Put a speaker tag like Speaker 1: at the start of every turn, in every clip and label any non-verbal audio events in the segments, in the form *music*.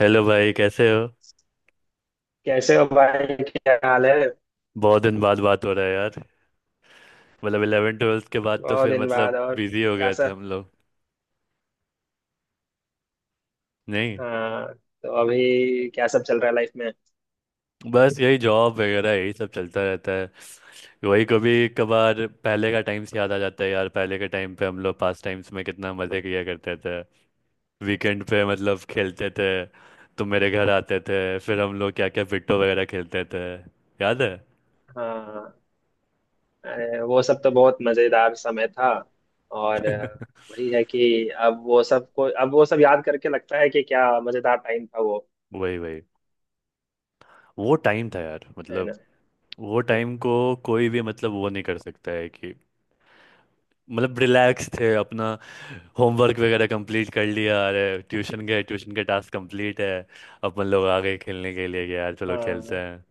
Speaker 1: Hello भाई, कैसे हो?
Speaker 2: कैसे हो भाई, क्या हाल है।
Speaker 1: बहुत दिन बाद बात हो रहा है यार। मतलब इलेवन ट्वेल्थ के बाद तो
Speaker 2: बहुत
Speaker 1: फिर
Speaker 2: दिन बाद
Speaker 1: मतलब
Speaker 2: और
Speaker 1: बिजी हो
Speaker 2: क्या
Speaker 1: गए थे
Speaker 2: सब।
Speaker 1: हम लोग। नहीं,
Speaker 2: हाँ। तो अभी क्या सब चल रहा है लाइफ में।
Speaker 1: बस यही जॉब वगैरह यही सब चलता रहता है। वही, कभी कभार पहले का टाइम्स याद आ जाता है यार। पहले के टाइम पे हम लोग पास टाइम्स में कितना मज़े किया करते थे। वीकेंड पे मतलब खेलते थे, तुम मेरे घर आते थे, फिर हम लोग क्या क्या पिट्टो वगैरह खेलते थे, याद है?
Speaker 2: हाँ, अरे वो सब तो बहुत मजेदार समय था। और वही है कि अब वो सब को अब वो सब याद करके लगता है कि क्या मजेदार टाइम था वो।
Speaker 1: वही वही, वो टाइम था यार,
Speaker 2: है ना।
Speaker 1: मतलब वो
Speaker 2: तो,
Speaker 1: टाइम को कोई भी मतलब वो नहीं कर सकता है कि मतलब रिलैक्स थे अपना। होमवर्क वगैरह कंप्लीट कर लिया, अरे ट्यूशन गए, ट्यूशन के टास्क कंप्लीट है, अपन लोग आ गए खेलने के लिए कि यार चलो खेलते
Speaker 2: हाँ।
Speaker 1: हैं,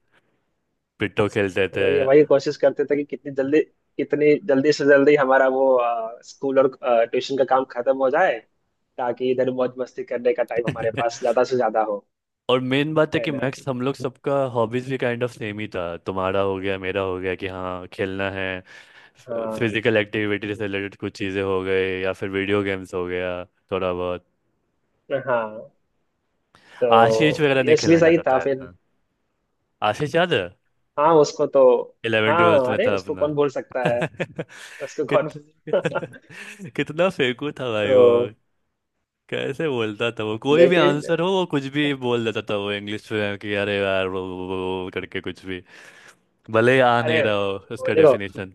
Speaker 1: पिट्टो खेलते थे।
Speaker 2: वही वही कोशिश करते थे कि कितनी जल्दी से जल्दी हमारा वो स्कूल और ट्यूशन का काम खत्म हो जाए, ताकि इधर मौज मस्ती करने का टाइम हमारे पास
Speaker 1: *laughs*
Speaker 2: ज्यादा से ज्यादा हो।
Speaker 1: और मेन बात है
Speaker 2: है
Speaker 1: कि
Speaker 2: ना।
Speaker 1: मैक्स हम लोग सबका हॉबीज भी काइंड ऑफ सेम ही था। तुम्हारा हो गया, मेरा हो गया कि हाँ खेलना है,
Speaker 2: हाँ
Speaker 1: फिजिकल एक्टिविटी से रिलेटेड कुछ चीज़ें हो गई या फिर वीडियो गेम्स हो गया थोड़ा बहुत।
Speaker 2: हाँ, तो
Speaker 1: आशीष वगैरह नहीं
Speaker 2: यश भी
Speaker 1: खेलना
Speaker 2: सही
Speaker 1: चाहता
Speaker 2: था
Speaker 1: था
Speaker 2: फिर।
Speaker 1: इतना। आशीष याद है?
Speaker 2: हाँ, उसको तो,
Speaker 1: इलेवन ट्वेल्थ
Speaker 2: हाँ
Speaker 1: में
Speaker 2: अरे
Speaker 1: था
Speaker 2: उसको
Speaker 1: अपना।
Speaker 2: कौन भूल सकता है।
Speaker 1: *laughs*
Speaker 2: उसको कौन
Speaker 1: कितना
Speaker 2: *laughs*
Speaker 1: *laughs* कितना फेंकू था भाई वो।
Speaker 2: तो
Speaker 1: कैसे बोलता था, वो कोई भी
Speaker 2: लेकिन,
Speaker 1: आंसर हो वो कुछ भी बोल देता था, वो इंग्लिश में कि अरे यार वो करके कुछ भी, भले ही आ नहीं
Speaker 2: अरे
Speaker 1: रहा हो
Speaker 2: वो
Speaker 1: उसका
Speaker 2: देखो।
Speaker 1: डेफिनेशन।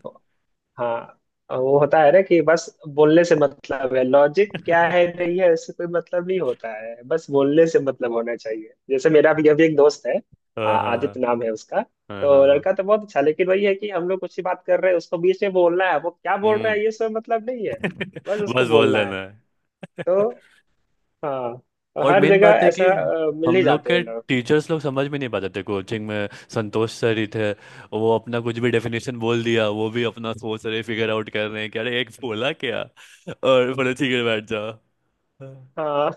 Speaker 2: हाँ, वो होता है ना कि बस, बोलने से मतलब है, लॉजिक क्या है नहीं है इससे कोई मतलब नहीं होता है, बस बोलने से मतलब होना चाहिए। जैसे मेरा भी अभी एक दोस्त है,
Speaker 1: हाँ हाँ हाँ,
Speaker 2: आदित्य नाम है उसका।
Speaker 1: हाँ
Speaker 2: तो
Speaker 1: हाँ हाँ।
Speaker 2: लड़का तो बहुत अच्छा, लेकिन वही है कि हम लोग कुछ ही बात कर रहे हैं उसको बीच में बोलना है, वो क्या बोल रहा
Speaker 1: हम्म।
Speaker 2: है ये सब मतलब नहीं है, बस
Speaker 1: *laughs*
Speaker 2: उसको
Speaker 1: बस बोल
Speaker 2: बोलना है।
Speaker 1: देना।
Speaker 2: तो हाँ, तो
Speaker 1: और
Speaker 2: हर
Speaker 1: मेन
Speaker 2: जगह
Speaker 1: बात है कि
Speaker 2: ऐसा मिल ही
Speaker 1: हम लोग
Speaker 2: जाते हैं
Speaker 1: के
Speaker 2: लोग।
Speaker 1: टीचर्स लोग समझ में नहीं पाते थे कोचिंग में। संतोष सर ही थे, वो अपना कुछ भी डेफिनेशन बोल दिया, वो भी अपना सोच रहे, फिगर आउट कर रहे हैं कि अरे एक बोला क्या, और बोले ठीक है बैठ जाओ।
Speaker 2: हाँ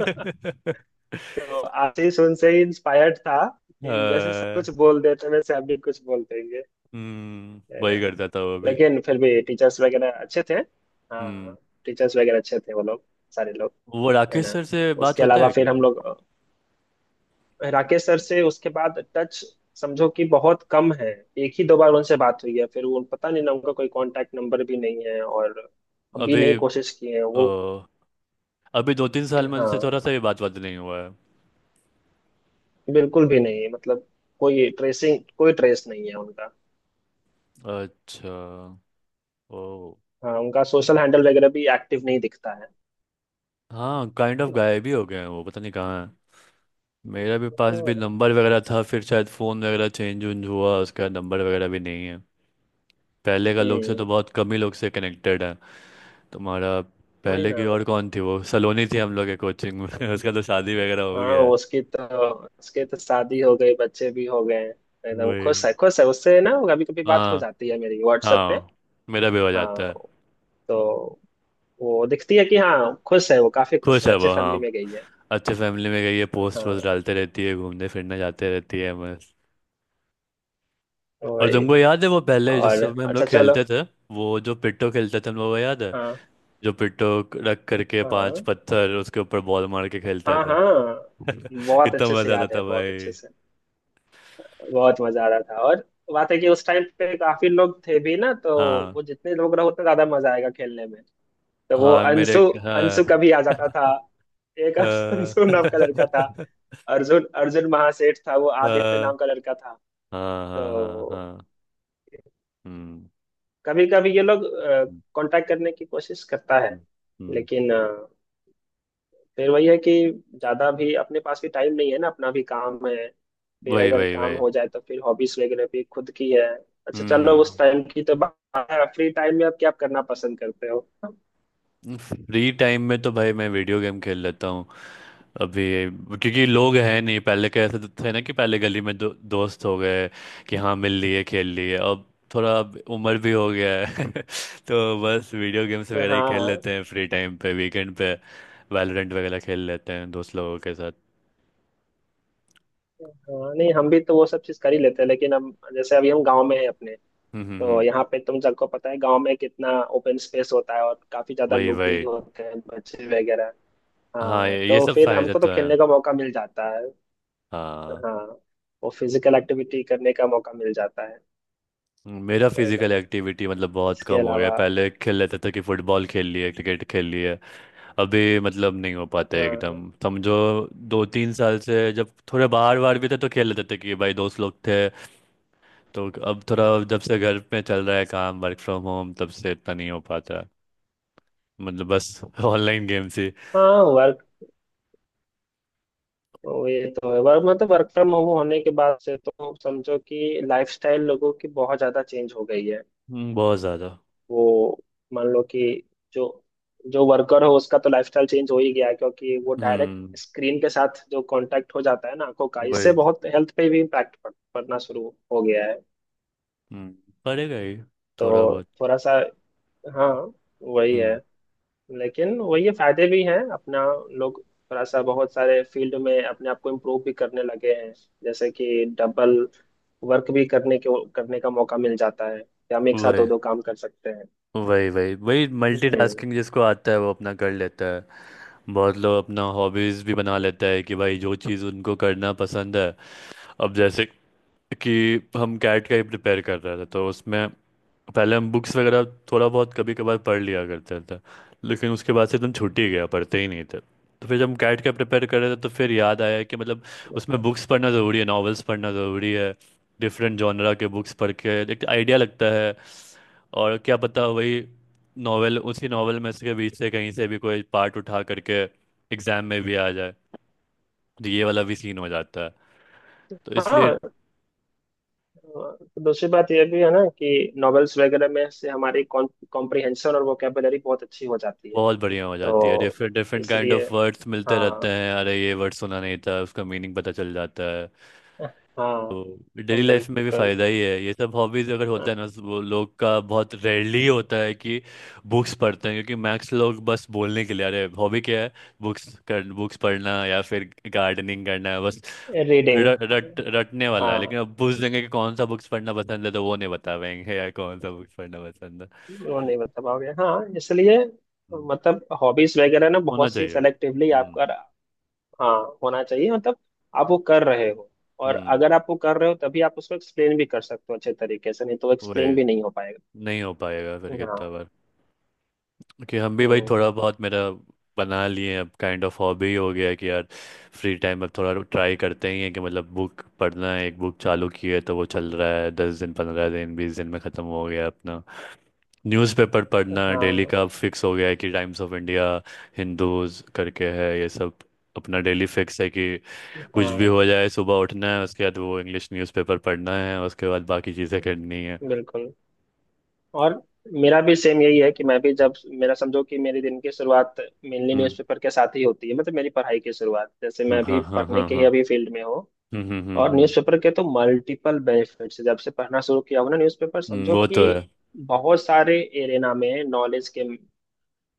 Speaker 2: *laughs* तो आशीष सुन से ही इंस्पायर्ड था कि जैसे सब
Speaker 1: अ,
Speaker 2: कुछ बोल देते हैं वैसे हम भी कुछ बोल देंगे।
Speaker 1: हम्म,
Speaker 2: है
Speaker 1: वही
Speaker 2: ना।
Speaker 1: करता था वो भी।
Speaker 2: लेकिन फिर भी टीचर्स वगैरह अच्छे थे।
Speaker 1: हम्म।
Speaker 2: हाँ, टीचर्स वगैरह अच्छे थे वो लोग, सारे लोग।
Speaker 1: वो
Speaker 2: है
Speaker 1: राकेश
Speaker 2: ना।
Speaker 1: सर से बात
Speaker 2: उसके
Speaker 1: होता
Speaker 2: अलावा
Speaker 1: है
Speaker 2: फिर
Speaker 1: क्या?
Speaker 2: हम लोग राकेश सर से उसके बाद टच समझो कि बहुत कम है। एक ही दो बार उनसे बात हुई है, फिर वो पता नहीं ना, उनका कोई कांटेक्ट नंबर भी नहीं है और हम भी
Speaker 1: अभी
Speaker 2: नहीं कोशिश किए हैं वो।
Speaker 1: अ, अभी 2 3 साल में उनसे थोड़ा
Speaker 2: हाँ,
Speaker 1: सा भी बात बात नहीं हुआ है।
Speaker 2: बिल्कुल भी नहीं, मतलब कोई ट्रेसिंग, कोई ट्रेस नहीं है उनका।
Speaker 1: अच्छा, ओ।
Speaker 2: हाँ, उनका सोशल हैंडल वगैरह भी एक्टिव नहीं दिखता है।
Speaker 1: हाँ, काइंड ऑफ गायब ही हो गए हैं वो, पता नहीं कहाँ। मेरा भी पास भी नंबर वगैरह था, फिर शायद फ़ोन वगैरह चेंज उंज हुआ, उसका नंबर वगैरह भी नहीं है। पहले का लोग से तो
Speaker 2: हम्म।
Speaker 1: बहुत कम ही लोग से कनेक्टेड है। तुम्हारा।
Speaker 2: वही
Speaker 1: पहले
Speaker 2: ना,
Speaker 1: की और कौन थी, वो सलोनी थी हम लोग के कोचिंग में। *laughs* उसका तो शादी वगैरह हो
Speaker 2: हाँ
Speaker 1: गया है।
Speaker 2: उसकी तो शादी हो गई, बच्चे भी हो गए हैं। एकदम खुश
Speaker 1: वही,
Speaker 2: है, खुश है। उससे ना कभी कभी बात हो
Speaker 1: हाँ
Speaker 2: जाती है मेरी व्हाट्सएप पे।
Speaker 1: हाँ, मेरा भी हो
Speaker 2: हाँ,
Speaker 1: जाता है।
Speaker 2: तो वो दिखती है कि हाँ खुश है वो, काफी खुश
Speaker 1: खुश
Speaker 2: है,
Speaker 1: है
Speaker 2: अच्छे
Speaker 1: वो, हाँ।
Speaker 2: फैमिली में गई है।
Speaker 1: अच्छे फैमिली में गई है, पोस्ट वोस्ट
Speaker 2: हाँ,
Speaker 1: डालते रहती है, घूमने फिरने जाते रहती है, बस। और
Speaker 2: वही।
Speaker 1: तुमको याद है वो पहले जिस
Speaker 2: और
Speaker 1: समय हम
Speaker 2: अच्छा,
Speaker 1: लोग
Speaker 2: चलो।
Speaker 1: खेलते थे, वो जो पिट्टो खेलते थे हम लोग को याद है?
Speaker 2: हाँ
Speaker 1: जो पिट्ठो रख करके पांच
Speaker 2: हाँ
Speaker 1: पत्थर उसके ऊपर बॉल मार के खेलता
Speaker 2: हाँ
Speaker 1: था।
Speaker 2: हाँ,
Speaker 1: *laughs*
Speaker 2: बहुत
Speaker 1: कितना
Speaker 2: अच्छे से
Speaker 1: मजा आता
Speaker 2: याद है,
Speaker 1: था
Speaker 2: बहुत
Speaker 1: भाई।
Speaker 2: अच्छे से। बहुत मजा आ रहा था, और बात है कि उस टाइम पे काफी लोग थे भी ना, तो
Speaker 1: हाँ
Speaker 2: वो जितने लोग रहो उतना ज्यादा मजा आएगा खेलने में। तो वो
Speaker 1: हाँ मेरे,
Speaker 2: अंशु, अंशु का
Speaker 1: हाँ
Speaker 2: भी आ जाता था, एक *laughs* अंशु नाम का
Speaker 1: हाँ।
Speaker 2: लड़का था, अर्जुन, अर्जुन महासेठ था, वो
Speaker 1: *laughs*
Speaker 2: आदित्य
Speaker 1: हाँ
Speaker 2: नाम का लड़का था।
Speaker 1: हाँ हाँ
Speaker 2: तो
Speaker 1: हाँ। हम्म
Speaker 2: कभी कभी ये लोग
Speaker 1: हम्म
Speaker 2: कांटेक्ट करने की कोशिश करता है,
Speaker 1: हम्म, हम्म,
Speaker 2: लेकिन फिर वही है कि ज्यादा भी अपने पास भी टाइम नहीं है ना, अपना भी काम है। फिर
Speaker 1: वही
Speaker 2: अगर
Speaker 1: वही
Speaker 2: काम
Speaker 1: वही।
Speaker 2: हो जाए तो फिर हॉबीज वगैरह भी खुद की है। अच्छा,
Speaker 1: हम्म
Speaker 2: चलो उस
Speaker 1: हम्म।
Speaker 2: टाइम की तो। फ्री टाइम में आप क्या करना पसंद करते हो।
Speaker 1: फ्री टाइम में तो भाई मैं वीडियो गेम खेल लेता हूँ अभी, क्योंकि लोग हैं नहीं पहले के ऐसे। तो थे ना कि पहले गली में दो, दोस्त हो गए कि हाँ मिल लिए, खेल लिए। अब थोड़ा अब उम्र भी हो गया है। *laughs* तो बस वीडियो गेम्स वगैरह ही खेल
Speaker 2: हाँ
Speaker 1: लेते हैं फ्री टाइम पे, वीकेंड पे। वैलोरेंट वगैरह खेल लेते हैं दोस्त लोगों के साथ।
Speaker 2: हाँ, नहीं हम भी तो वो सब चीज कर ही लेते हैं, लेकिन हम जैसे अभी हम गांव में हैं अपने,
Speaker 1: हम्म हम्म
Speaker 2: तो
Speaker 1: हम्म,
Speaker 2: यहाँ पे तुम सबको पता है गांव में कितना ओपन स्पेस होता है और काफी ज्यादा
Speaker 1: वही
Speaker 2: लोग भी
Speaker 1: वही।
Speaker 2: होते हैं, बच्चे वगैरह।
Speaker 1: हाँ
Speaker 2: हाँ,
Speaker 1: ये
Speaker 2: तो
Speaker 1: सब
Speaker 2: फिर
Speaker 1: फायदे
Speaker 2: हमको तो
Speaker 1: तो है,
Speaker 2: खेलने का मौका मिल जाता है।
Speaker 1: हाँ।
Speaker 2: हाँ, वो फिजिकल एक्टिविटी करने का मौका मिल जाता है।
Speaker 1: मेरा
Speaker 2: है ना।
Speaker 1: फिजिकल एक्टिविटी मतलब बहुत
Speaker 2: इसके
Speaker 1: कम हो गया है।
Speaker 2: अलावा,
Speaker 1: पहले खेल लेते थे कि फुटबॉल खेल लिए, क्रिकेट खेल लिए। अभी मतलब नहीं हो पाता है एकदम,
Speaker 2: हाँ
Speaker 1: समझो। 2 3 साल से जब थोड़े बाहर वार भी थे तो खेल लेते थे कि भाई दोस्त लोग थे, तो अब थोड़ा। जब से घर पे चल रहा है काम, वर्क फ्रॉम होम, तब से इतना नहीं हो पाता है। मतलब बस *laughs* ऑनलाइन गेम्स ही।
Speaker 2: हाँ वर्क, ये तो है, वर्क मतलब वर्क फ्रॉम होम होने के बाद से तो समझो कि लाइफस्टाइल लोगों की बहुत ज्यादा चेंज हो गई है।
Speaker 1: बहुत ज़्यादा।
Speaker 2: वो, मान लो कि जो जो वर्कर हो उसका तो लाइफस्टाइल चेंज हो ही गया है, क्योंकि वो डायरेक्ट
Speaker 1: हम्म,
Speaker 2: स्क्रीन के साथ जो कांटेक्ट हो जाता है ना आंखों का, इससे
Speaker 1: वही,
Speaker 2: बहुत हेल्थ पे भी इम्पैक्ट पड़ना शुरू हो गया है।
Speaker 1: हम्म, पड़ेगा ही। थोड़ा
Speaker 2: तो
Speaker 1: बहुत।
Speaker 2: थोड़ा सा, हाँ वही है।
Speaker 1: हम्म,
Speaker 2: लेकिन वही है, फायदे भी हैं अपना। लोग थोड़ा सा बहुत सारे फील्ड में अपने आप को इम्प्रूव भी करने लगे हैं, जैसे कि डबल वर्क भी करने के, करने का मौका मिल जाता है कि हम एक साथ दो
Speaker 1: वही
Speaker 2: दो काम कर सकते हैं।
Speaker 1: वही वही। वही
Speaker 2: हम्म।
Speaker 1: मल्टीटास्किंग जिसको आता है वो अपना कर लेता है। बहुत लोग अपना हॉबीज़ भी बना लेता है कि भाई जो चीज़ उनको करना पसंद है। अब जैसे कि हम कैट का ही प्रिपेयर कर रहे थे तो उसमें पहले हम बुक्स वगैरह थोड़ा बहुत कभी कभार पढ़ लिया करते थे, लेकिन उसके बाद से एकदम छूट ही गया, पढ़ते ही नहीं थे। तो फिर जब हम कैट का प्रिपेयर कर रहे थे तो फिर याद आया कि मतलब उसमें बुक्स पढ़ना ज़रूरी है, नॉवेल्स पढ़ना ज़रूरी है, डिफरेंट जॉनरा के बुक्स पढ़ के एक आइडिया लगता है। और क्या पता वही नॉवेल, उसी नॉवेल में से, के बीच से कहीं से भी कोई पार्ट उठा करके एग्जाम में भी आ जाए, तो ये वाला भी सीन हो जाता है। तो इसलिए
Speaker 2: हाँ, तो दूसरी बात यह भी है ना कि नॉवेल्स वगैरह में से हमारी कॉम्प्रिहेंशन और वोकेबलरी बहुत अच्छी हो जाती है।
Speaker 1: बहुत बढ़िया हो जाती है,
Speaker 2: तो
Speaker 1: डिफरेंट डिफरेंट काइंड
Speaker 2: इसलिए,
Speaker 1: ऑफ वर्ड्स मिलते रहते
Speaker 2: हाँ
Speaker 1: हैं, अरे ये वर्ड सुना नहीं था, उसका मीनिंग पता चल जाता है।
Speaker 2: हाँ
Speaker 1: तो डेली लाइफ में भी
Speaker 2: बिल्कुल,
Speaker 1: फ़ायदा ही है ये सब हॉबीज़ अगर होता है ना। वो लोग का बहुत रेयरली होता है कि बुक्स पढ़ते हैं, क्योंकि मैक्स लोग बस बोलने के लिए, अरे हॉबी क्या है, बुक्स कर, बुक्स पढ़ना या फिर गार्डनिंग करना है, बस
Speaker 2: रीडिंग।
Speaker 1: रट रटने वाला है।
Speaker 2: हाँ,
Speaker 1: लेकिन अब पूछ देंगे कि कौन सा बुक्स पढ़ना पसंद है तो वो नहीं बता पाएंगे यार, कौन सा बुक्स पढ़ना पसंद है।
Speaker 2: वो नहीं बता पाओगे हाँ, इसलिए
Speaker 1: हम्म,
Speaker 2: मतलब हॉबीज वगैरह ना
Speaker 1: होना
Speaker 2: बहुत सी
Speaker 1: चाहिए।
Speaker 2: सेलेक्टिवली आपका, हाँ होना चाहिए, मतलब आप वो कर रहे हो, और
Speaker 1: हम्म,
Speaker 2: अगर आप वो कर रहे हो तभी आप उसको एक्सप्लेन भी कर सकते हो अच्छे तरीके से, नहीं तो एक्सप्लेन
Speaker 1: वही,
Speaker 2: भी नहीं हो पाएगा।
Speaker 1: नहीं हो पाएगा फिर कितना
Speaker 2: हाँ।
Speaker 1: बार। क्योंकि हम भी भाई
Speaker 2: हम्म,
Speaker 1: थोड़ा बहुत मेरा बना लिए हैं, अब काइंड ऑफ हॉबी हो गया है कि यार फ्री टाइम में थोड़ा ट्राई करते ही हैं कि मतलब बुक पढ़ना है। एक बुक चालू की है तो वो चल रहा है, 10 दिन 15 दिन 20 दिन में ख़त्म हो गया अपना। न्यूज़पेपर पढ़ना डेली
Speaker 2: हाँ
Speaker 1: का अब फिक्स हो गया है कि टाइम्स ऑफ इंडिया, हिंदूज करके है ये सब, अपना डेली फिक्स है कि कुछ भी हो
Speaker 2: हाँ
Speaker 1: जाए सुबह उठना है, उसके बाद वो इंग्लिश न्यूज़पेपर पढ़ना है, उसके बाद बाकी चीज़ें करनी है।
Speaker 2: बिल्कुल। और मेरा भी सेम यही है कि मैं भी जब, मेरा समझो कि मेरे दिन की शुरुआत मेनली
Speaker 1: हम्म,
Speaker 2: न्यूज़पेपर के साथ ही होती है, मतलब मेरी पढ़ाई की शुरुआत, जैसे मैं भी
Speaker 1: हाँ हाँ
Speaker 2: पढ़ने
Speaker 1: हाँ
Speaker 2: के ही
Speaker 1: हाँ।
Speaker 2: अभी फील्ड में हूँ।
Speaker 1: हम्म हम्म हम्म
Speaker 2: और
Speaker 1: हम्म।
Speaker 2: न्यूज़पेपर के तो मल्टीपल बेनिफिट्स, जब से पढ़ना शुरू किया हूँ ना न्यूज़पेपर,
Speaker 1: हम्म,
Speaker 2: समझो
Speaker 1: वो तो है।
Speaker 2: कि बहुत सारे एरेना में नॉलेज के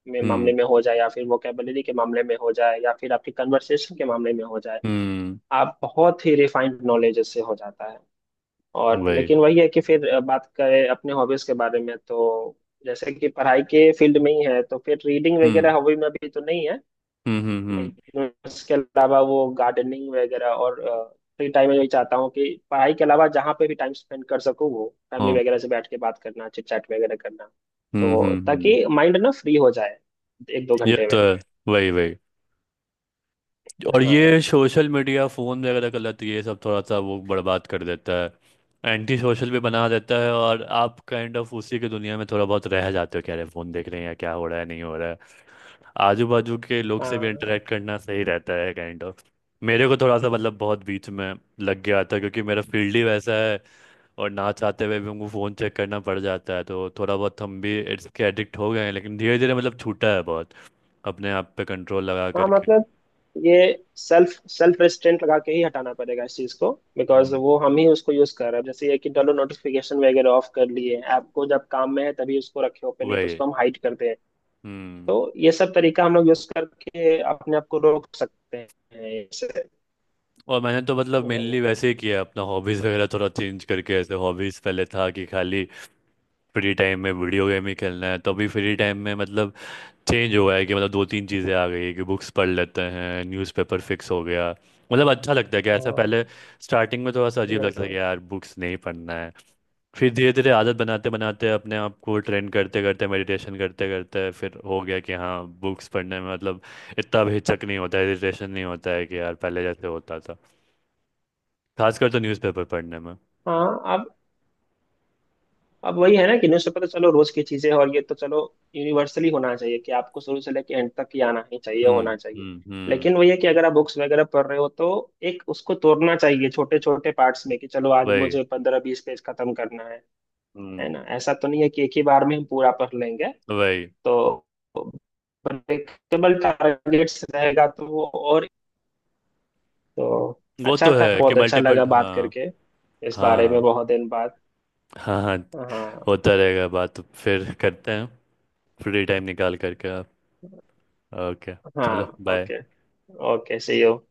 Speaker 2: में मामले
Speaker 1: हम्म
Speaker 2: में हो जाए, या फिर वोकेबलरी के मामले में हो जाए, या फिर आपकी कन्वर्सेशन के मामले में हो जाए,
Speaker 1: हम्म,
Speaker 2: आप बहुत ही रिफाइंड नॉलेज इससे हो जाता है। और
Speaker 1: वही,
Speaker 2: लेकिन वही है कि फिर बात करें अपने हॉबीज के बारे में, तो जैसे कि पढ़ाई के फील्ड में ही है तो फिर रीडिंग
Speaker 1: हम्म
Speaker 2: वगैरह हॉबी में भी तो नहीं है।
Speaker 1: हम्म,
Speaker 2: लेकिन उसके अलावा वो गार्डनिंग वगैरह, और फ्री टाइम में यही चाहता हूँ कि पढ़ाई के अलावा जहाँ पे भी टाइम स्पेंड कर सकूँ, वो
Speaker 1: हाँ,
Speaker 2: फैमिली वगैरह से बैठ के बात करना, चिट चैट वगैरह करना, तो
Speaker 1: हम्म।
Speaker 2: ताकि माइंड ना फ्री हो जाए एक दो
Speaker 1: ये
Speaker 2: घंटे में।
Speaker 1: तो है, वही वही। और
Speaker 2: हाँ
Speaker 1: ये सोशल मीडिया फोन वगैरह का लत ये सब थोड़ा सा वो बर्बाद कर देता है, एंटी सोशल भी बना देता है, और आप काइंड ऑफ उसी की दुनिया में थोड़ा बहुत रह जाते हो, क्या रहे, फोन देख रहे हैं क्या हो रहा है नहीं हो रहा है। आजू बाजू के लोग से भी
Speaker 2: हाँ
Speaker 1: इंटरेक्ट करना सही रहता है काइंड ऑफ। मेरे को थोड़ा सा मतलब बहुत बीच में लग गया था, क्योंकि मेरा फील्ड ही वैसा है, और ना चाहते हुए भी हमको फ़ोन चेक करना पड़ जाता है, तो थोड़ा बहुत हम भी इसके एडिक्ट हो गए हैं। लेकिन धीरे धीरे मतलब छूटा है बहुत, अपने आप पे कंट्रोल लगा
Speaker 2: हाँ,
Speaker 1: करके।
Speaker 2: मतलब ये सेल्फ सेल्फ रेस्ट्रेंट लगा के ही हटाना पड़ेगा इस चीज को। बिकॉज
Speaker 1: हम्म,
Speaker 2: वो हम ही उसको यूज कर रहे हैं, जैसे ये कि चलो नोटिफिकेशन वगैरह ऑफ कर लिए, ऐप को जब काम में है तभी उसको रखे ओपन, नहीं तो
Speaker 1: वही,
Speaker 2: उसको हम हाइड करते हैं।
Speaker 1: हम्म।
Speaker 2: तो ये सब तरीका हम लोग यूज करके अपने आप को रोक सकते हैं इससे।
Speaker 1: और मैंने तो मतलब
Speaker 2: है ना।
Speaker 1: मेनली वैसे ही किया, अपना हॉबीज़ वगैरह थोड़ा चेंज करके। ऐसे हॉबीज़ पहले था कि खाली फ्री टाइम में वीडियो गेम ही खेलना है, तो अभी फ्री टाइम में मतलब चेंज हुआ है कि मतलब 2 3 चीज़ें आ गई है कि बुक्स पढ़ लेते हैं, न्यूज़पेपर फिक्स हो गया, मतलब अच्छा लगता है कि ऐसा। पहले
Speaker 2: हाँ
Speaker 1: स्टार्टिंग में थोड़ा सा अजीब लगता था कि
Speaker 2: बिल्कुल।
Speaker 1: यार बुक्स नहीं पढ़ना है, फिर धीरे धीरे आदत बनाते बनाते, अपने आप को ट्रेन करते करते, मेडिटेशन करते करते फिर हो गया कि हाँ बुक्स पढ़ने में मतलब इतना भी हिचक नहीं होता, इरिटेशन नहीं होता है कि यार पहले जैसे होता था, खासकर तो न्यूज़पेपर पढ़ने में।
Speaker 2: हाँ, अब अब वही है ना कि न्यूज़पेपर तो चलो रोज की चीजें हैं, और ये तो चलो यूनिवर्सली होना चाहिए कि आपको शुरू से लेके एंड तक ही आना ही चाहिए,
Speaker 1: हम्म
Speaker 2: होना चाहिए।
Speaker 1: हम्म,
Speaker 2: लेकिन वही है कि अगर आप बुक्स वगैरह पढ़ रहे हो तो एक उसको तोड़ना चाहिए छोटे छोटे पार्ट्स में, कि चलो आज
Speaker 1: वही,
Speaker 2: मुझे 15-20 पेज खत्म करना है। है
Speaker 1: हम्म,
Speaker 2: ना, ऐसा तो नहीं है कि एक ही बार में हम पूरा पढ़ लेंगे।
Speaker 1: वही।
Speaker 2: तो ब्रेकेबल टारगेट्स रहेगा तो वो, और तो,
Speaker 1: वो
Speaker 2: अच्छा
Speaker 1: तो
Speaker 2: था,
Speaker 1: है कि
Speaker 2: बहुत अच्छा
Speaker 1: मल्टीपल,
Speaker 2: लगा बात
Speaker 1: हाँ।
Speaker 2: करके इस बारे में
Speaker 1: हाँ
Speaker 2: बहुत दिन बाद।
Speaker 1: हाँ हाँ,
Speaker 2: हाँ
Speaker 1: होता रहेगा, बात तो फिर करते हैं फ्री टाइम निकाल करके आप, ओके।
Speaker 2: हाँ,
Speaker 1: चलो bye.
Speaker 2: Okay. Okay, see you.